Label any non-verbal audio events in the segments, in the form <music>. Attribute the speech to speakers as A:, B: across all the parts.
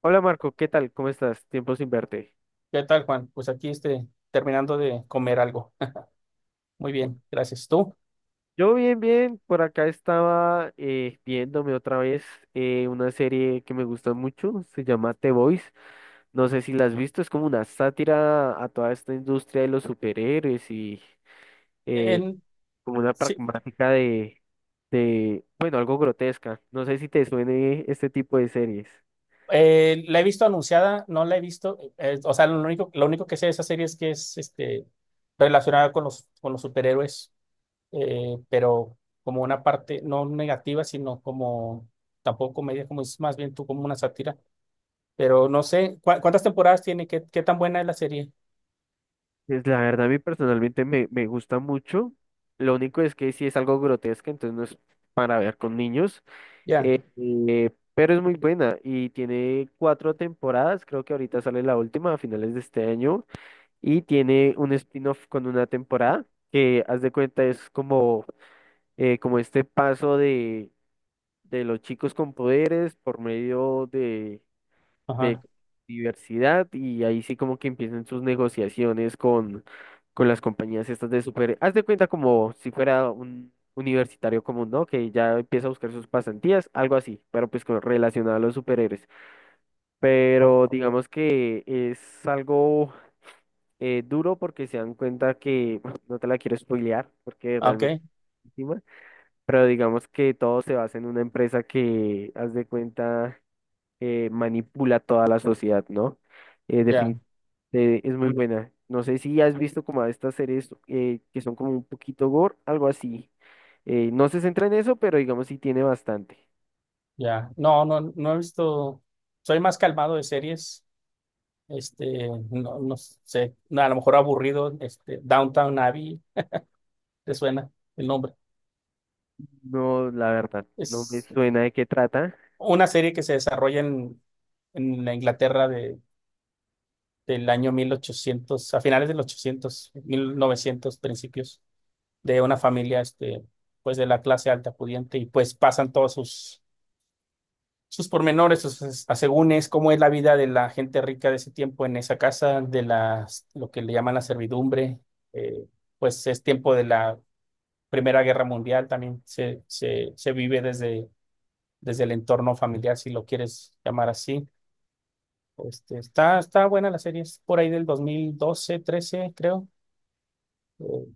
A: Hola Marco, ¿qué tal? ¿Cómo estás? Tiempo sin verte.
B: ¿Qué tal, Juan? Pues aquí terminando de comer algo. <laughs> Muy bien, gracias. ¿Tú?
A: Yo bien, bien. Por acá estaba viéndome otra vez una serie que me gusta mucho. Se llama The Boys. No sé si la has visto. Es como una sátira a toda esta industria de los superhéroes y eh,
B: En-
A: como una
B: sí,
A: pragmática de, bueno, algo grotesca. No sé si te suene este tipo de series.
B: la he visto anunciada, no la he visto. O sea, lo único que sé de esa serie es que es relacionada con con los superhéroes, pero como una parte no negativa, sino como tampoco comedia, como es más bien tú como una sátira. Pero no sé, ¿cuántas temporadas tiene? ¿Qué, qué tan buena es la serie?
A: Pues la verdad, a mí personalmente me gusta mucho. Lo único es que sí es algo grotesca, entonces no es para ver con niños.
B: Ya,
A: Pero es muy buena y tiene cuatro temporadas, creo que ahorita sale la última a finales de este año y tiene un spin-off con una temporada que haz de cuenta es como, como este paso de los chicos con poderes por medio de
B: ajá.
A: diversidad y ahí sí como que empiezan sus negociaciones con las compañías estas de super... Haz de cuenta como si fuera un universitario común, ¿no? Que ya empieza a buscar sus pasantías, algo así, pero pues con, relacionado a los superhéroes.
B: o-
A: Pero digamos que es algo duro porque se dan cuenta que, <laughs> no te la quiero spoilear porque
B: ah, ok,
A: realmente... es buenísima. Pero digamos que todo se basa en una empresa que, haz de cuenta, manipula toda la sociedad, ¿no? Eh,
B: ya.
A: defini- es muy buena. No sé si has visto como a estas series que son como un poquito gore, algo así. No se centra en eso, pero digamos sí tiene bastante.
B: Ya, no, no, no he visto, soy más calmado de series, no, no sé, no, a lo mejor aburrido, Downtown Abbey, ¿te suena el nombre?
A: No, la verdad, no me
B: Es
A: suena de qué trata.
B: una serie que se desarrolla en la Inglaterra de, del año 1800, a finales del ochocientos, 1900, principios, de una familia, pues de la clase alta pudiente y pues pasan todos sus sus pormenores, sus asegúnes, cómo es la vida de la gente rica de ese tiempo en esa casa, de las, lo que le llaman la servidumbre. Eh, pues es tiempo de la Primera Guerra Mundial, también se vive desde, desde el entorno familiar, si lo quieres llamar así. Está, está buena la serie, es por ahí del 2012, 13, creo. Eh,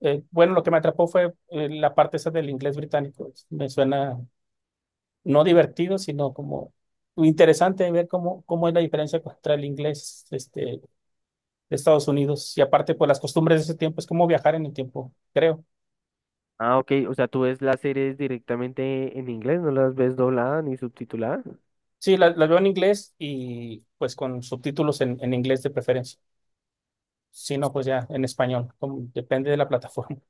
B: bueno, lo que me atrapó fue la parte esa del inglés británico. Me suena no divertido, sino como interesante ver cómo, cómo es la diferencia contra el inglés de Estados Unidos. Y aparte, por las costumbres de ese tiempo, es como viajar en el tiempo, creo.
A: Ah, ok, o sea, tú ves las series directamente en inglés, no las ves doblada ni subtitulada.
B: Sí, las veo en inglés y pues con subtítulos en inglés de preferencia. Si no, pues ya en español, depende de la plataforma. <laughs>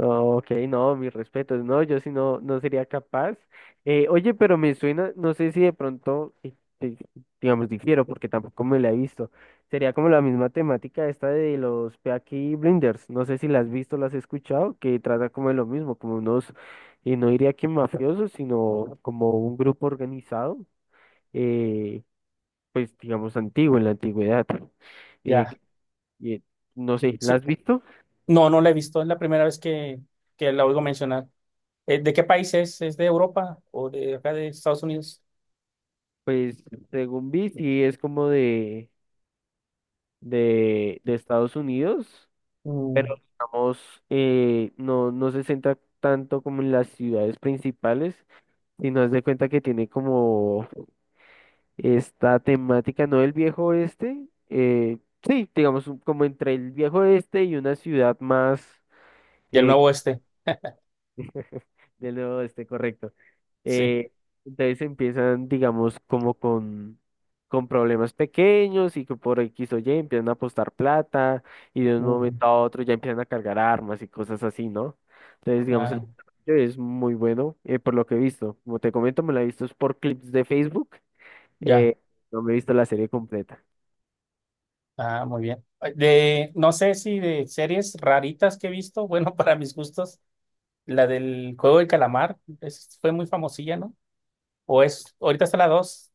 A: Ok, no, mis respetos. No, yo sí no, no sería capaz. Oye, pero me suena, no sé si de pronto, eh, digamos, difiero, porque tampoco me la he visto. Sería como la misma temática esta de los Peaky Blinders. No sé si la has visto, la has escuchado, que trata como de lo mismo, como unos, no diría que mafiosos, sino como un grupo organizado, eh, pues digamos antiguo, en la antigüedad. Eh,
B: Ya.
A: que- eh, no sé, ¿la
B: Sí.
A: has visto?
B: No, no la he visto, es la primera vez que la oigo mencionar. ¿De qué país es? ¿Es de Europa o de acá de Estados Unidos?
A: Pues según vi, sí es como de Estados Unidos, pero
B: Mm.
A: digamos, no, no se centra tanto como en las ciudades principales, sino haz de cuenta que tiene como esta temática, no del viejo oeste, sí, digamos, como entre el viejo oeste y una ciudad más
B: Y el
A: eh,
B: Nuevo Oeste,
A: del nuevo oeste, correcto.
B: sí.
A: Eh, entonces empiezan, digamos, como con problemas pequeños y que por X o Y empiezan a apostar plata y de un
B: Mm,
A: momento a otro ya empiezan a cargar armas y cosas así, ¿no? Entonces, digamos, el
B: ah,
A: desarrollo es muy bueno, por lo que he visto. Como te comento, me la he visto es por clips de Facebook.
B: ya.
A: eh, no me he visto la serie completa.
B: Ah, muy bien. De, no sé si de series raritas que he visto, bueno, <laughs> para mis gustos, la del Juego del Calamar fue muy famosilla, ¿no? O es, ahorita está la dos.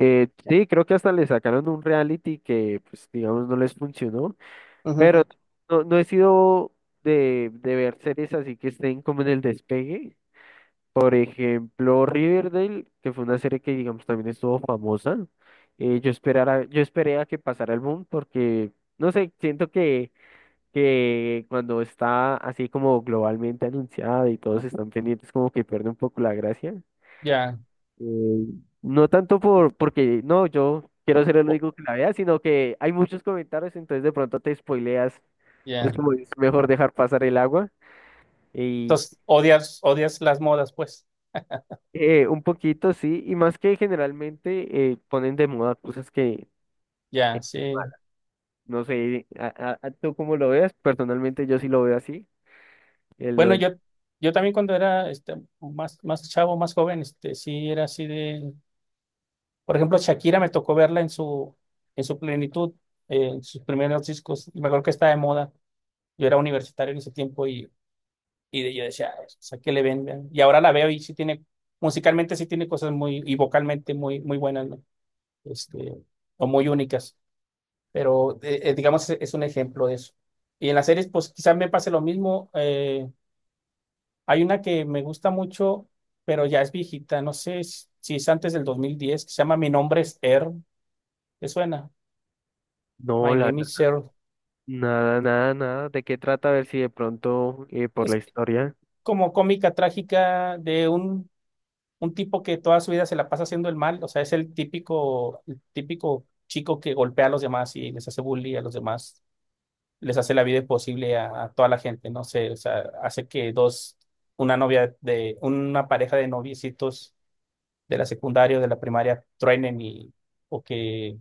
A: Sí, creo que hasta le sacaron un reality que, pues, digamos, no les funcionó,
B: Ujú.
A: pero no, no he sido de ver series así que estén como en el despegue. Por ejemplo, Riverdale, que fue una serie que, digamos, también estuvo famosa. Yo esperara, yo esperé a que pasara el boom porque, no sé, siento que cuando está así como globalmente anunciada y todos están pendientes, como que pierde un poco la gracia.
B: Ya,
A: Eh, no tanto por, porque, no, yo quiero ser el
B: o-
A: único que la vea, sino que hay muchos comentarios, entonces de pronto te spoileas. Es
B: ya.
A: como es mejor dejar pasar el agua.
B: Entonces, odias, odias las modas, pues.
A: Un poquito, sí, y más que generalmente ponen de moda cosas que,
B: Ya, sí.
A: malas no sé, a, a tú cómo lo veas, personalmente yo sí lo veo así, el lo
B: Bueno,
A: de-
B: yo, yo también cuando era más chavo, más joven, sí era así de, por ejemplo, Shakira me tocó verla en su plenitud, en sus primeros discos. Me acuerdo que estaba de moda. Yo era universitario en ese tiempo y yo decía: "Ay, o sea, ¿qué le ven? Vean?". Y ahora la veo y sí tiene, musicalmente sí tiene cosas muy, y vocalmente muy, muy buenas, ¿no? Este, o muy únicas. Pero digamos, es un ejemplo de eso. Y en las series, pues quizás me pase lo mismo. Hay una que me gusta mucho, pero ya es viejita, no sé si es antes del 2010, que se llama Mi nombre es Earl. ¿Te suena?
A: No,
B: My
A: la
B: name
A: verdad,
B: is Earl.
A: nada, nada, nada, ¿de qué trata? A ver si de pronto por la
B: Es
A: historia.
B: como cómica trágica de un tipo que toda su vida se la pasa haciendo el mal, o sea, es el típico chico que golpea a los demás y les hace bullying a los demás, les hace la vida imposible a toda la gente, no sé, o sea, hace que dos, una novia de, una pareja de noviecitos de la secundaria o de la primaria truenen y, o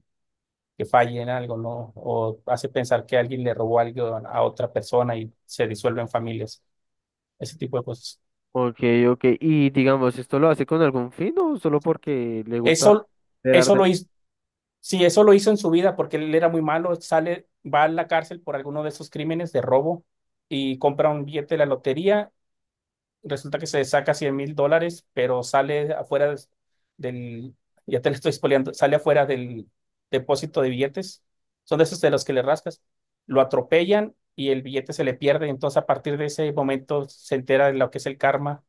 B: que fallen algo, ¿no? O hace pensar que alguien le robó algo a otra persona y se disuelven familias, ese tipo de cosas.
A: Ok, ok, y digamos, ¿esto lo hace con algún fin o solo porque le gusta
B: Eso,
A: ver
B: eso
A: arte?
B: lo hizo, Sí, eso lo hizo en su vida porque él era muy malo, sale, va a la cárcel por alguno de esos crímenes de robo y compra un billete de la lotería, resulta que se saca $100,000, pero sale afuera del, ya te lo estoy spoileando, sale afuera del depósito de billetes, son de esos de los que le rascas, lo atropellan y el billete se le pierde, entonces a partir de ese momento se entera de lo que es el karma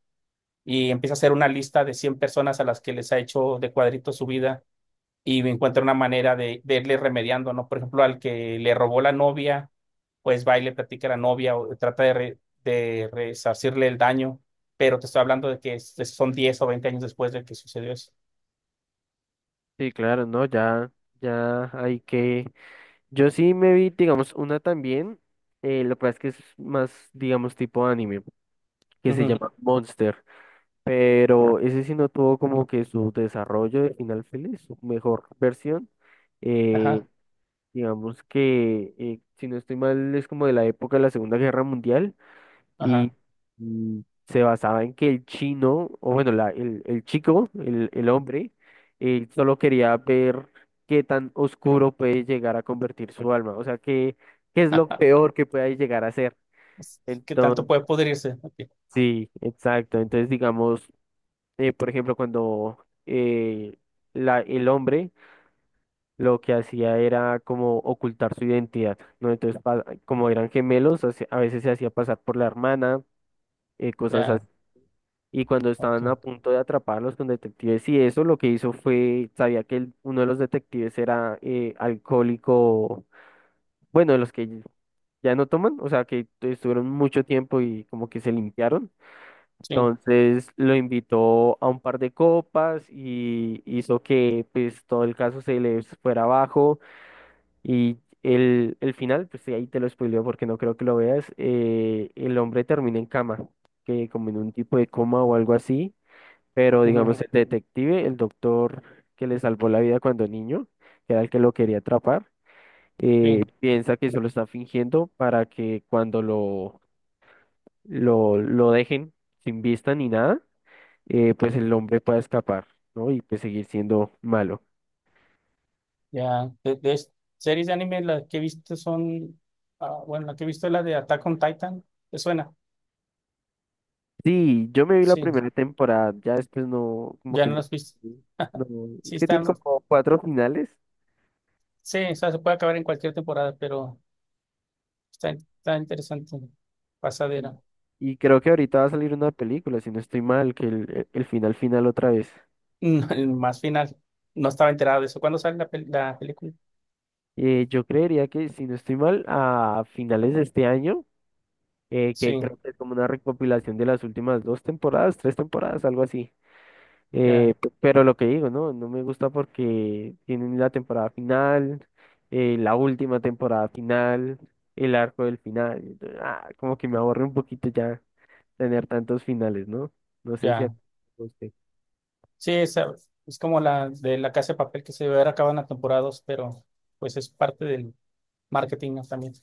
B: y empieza a hacer una lista de 100 personas a las que les ha hecho de cuadrito su vida y encuentra una manera de irle remediando, ¿no? Por ejemplo, al que le robó la novia, pues va y le platica a la novia o trata de, de resarcirle el daño, pero te estoy hablando de que son 10 o 20 años después de que sucedió eso.
A: Sí, claro, no, ya, ya hay que... Yo sí me vi, digamos, una también, lo que pasa es que es más, digamos, tipo anime. Que se
B: Ujú,
A: llama Monster, pero ese sí no tuvo como que su desarrollo de final feliz, su mejor versión. eh,
B: ajá,
A: digamos que, si no estoy mal, es como de la época de la Segunda Guerra Mundial y,
B: ajá,
A: y se basaba en que el chino, o bueno, el chico, el hombre, solo quería ver qué tan oscuro puede llegar a convertir su alma, o sea, qué, qué es
B: <laughs>
A: lo
B: ajá.
A: peor que puede llegar a ser.
B: ¿Qué
A: Entonces,
B: tanto puede pudrirse? Ok,
A: sí, exacto. Entonces, digamos, por ejemplo, cuando la, el hombre lo que hacía era como ocultar su identidad, ¿no? Entonces, como eran gemelos, a veces se hacía pasar por la hermana, cosas
B: ya,
A: así. Y cuando
B: ok,
A: estaban a punto de atraparlos con detectives y eso, lo que hizo fue, sabía que uno de los detectives era alcohólico, bueno, de los que ya no toman, o sea, que estuvieron mucho tiempo y como que se limpiaron.
B: sí,
A: Entonces lo invitó a un par de copas y hizo que pues todo el caso se le fuera abajo y el final, pues sí, ahí te lo spoileo porque no creo que lo veas, el hombre termina en cama, que como en un tipo de coma o algo así, pero
B: ujú,
A: digamos el detective, el doctor que le salvó la vida cuando niño, que era el que lo quería atrapar,
B: sí,
A: piensa que eso lo está fingiendo para que cuando lo, lo dejen sin vista ni nada pues el hombre pueda escapar, ¿no? Y pues seguir siendo malo.
B: ya. Series de anime, las que he visto son, ah, bueno, la que he visto es la de Attack on Titan, ¿te suena?
A: Sí, yo me vi la
B: Sí,
A: primera temporada, ya después no, como
B: ya
A: que
B: no
A: no,
B: las has visto.
A: no,
B: <laughs>
A: es
B: Sí,
A: que tiene
B: están,
A: como cuatro finales
B: sí, o sea, se puede acabar en cualquier temporada, pero está, está interesante.
A: y,
B: Pasadera.
A: y creo que ahorita va a salir una película, si no estoy mal, que el final final otra vez.
B: <laughs> Más final. No estaba enterado de eso. ¿Cuándo sale la, la película?
A: Yo creería que, si no estoy mal, a finales de este año, que
B: Sí,
A: creo que es como una recopilación de las últimas dos temporadas, tres temporadas, algo así.
B: ya,
A: Pero lo que digo, ¿no? No me gusta porque tienen la temporada final, la última temporada final, el arco del final. Entonces, ah, como que me aburre un poquito ya tener tantos finales, ¿no? No sé si a
B: ya.
A: ti te guste.
B: Sí, es, como la de La Casa de Papel que se debe haber acabado en la temporada dos, pero pues es parte del marketing, ¿no? también.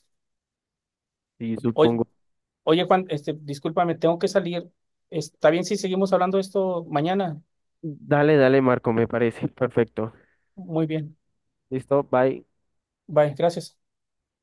A: Sí,
B: Oye,
A: supongo.
B: oye, Juan, discúlpame, tengo que salir. ¿Está bien si seguimos hablando de esto mañana?
A: Dale, dale, Marco, me parece. <laughs> Perfecto.
B: Muy bien.
A: Listo, bye.
B: Bye, gracias.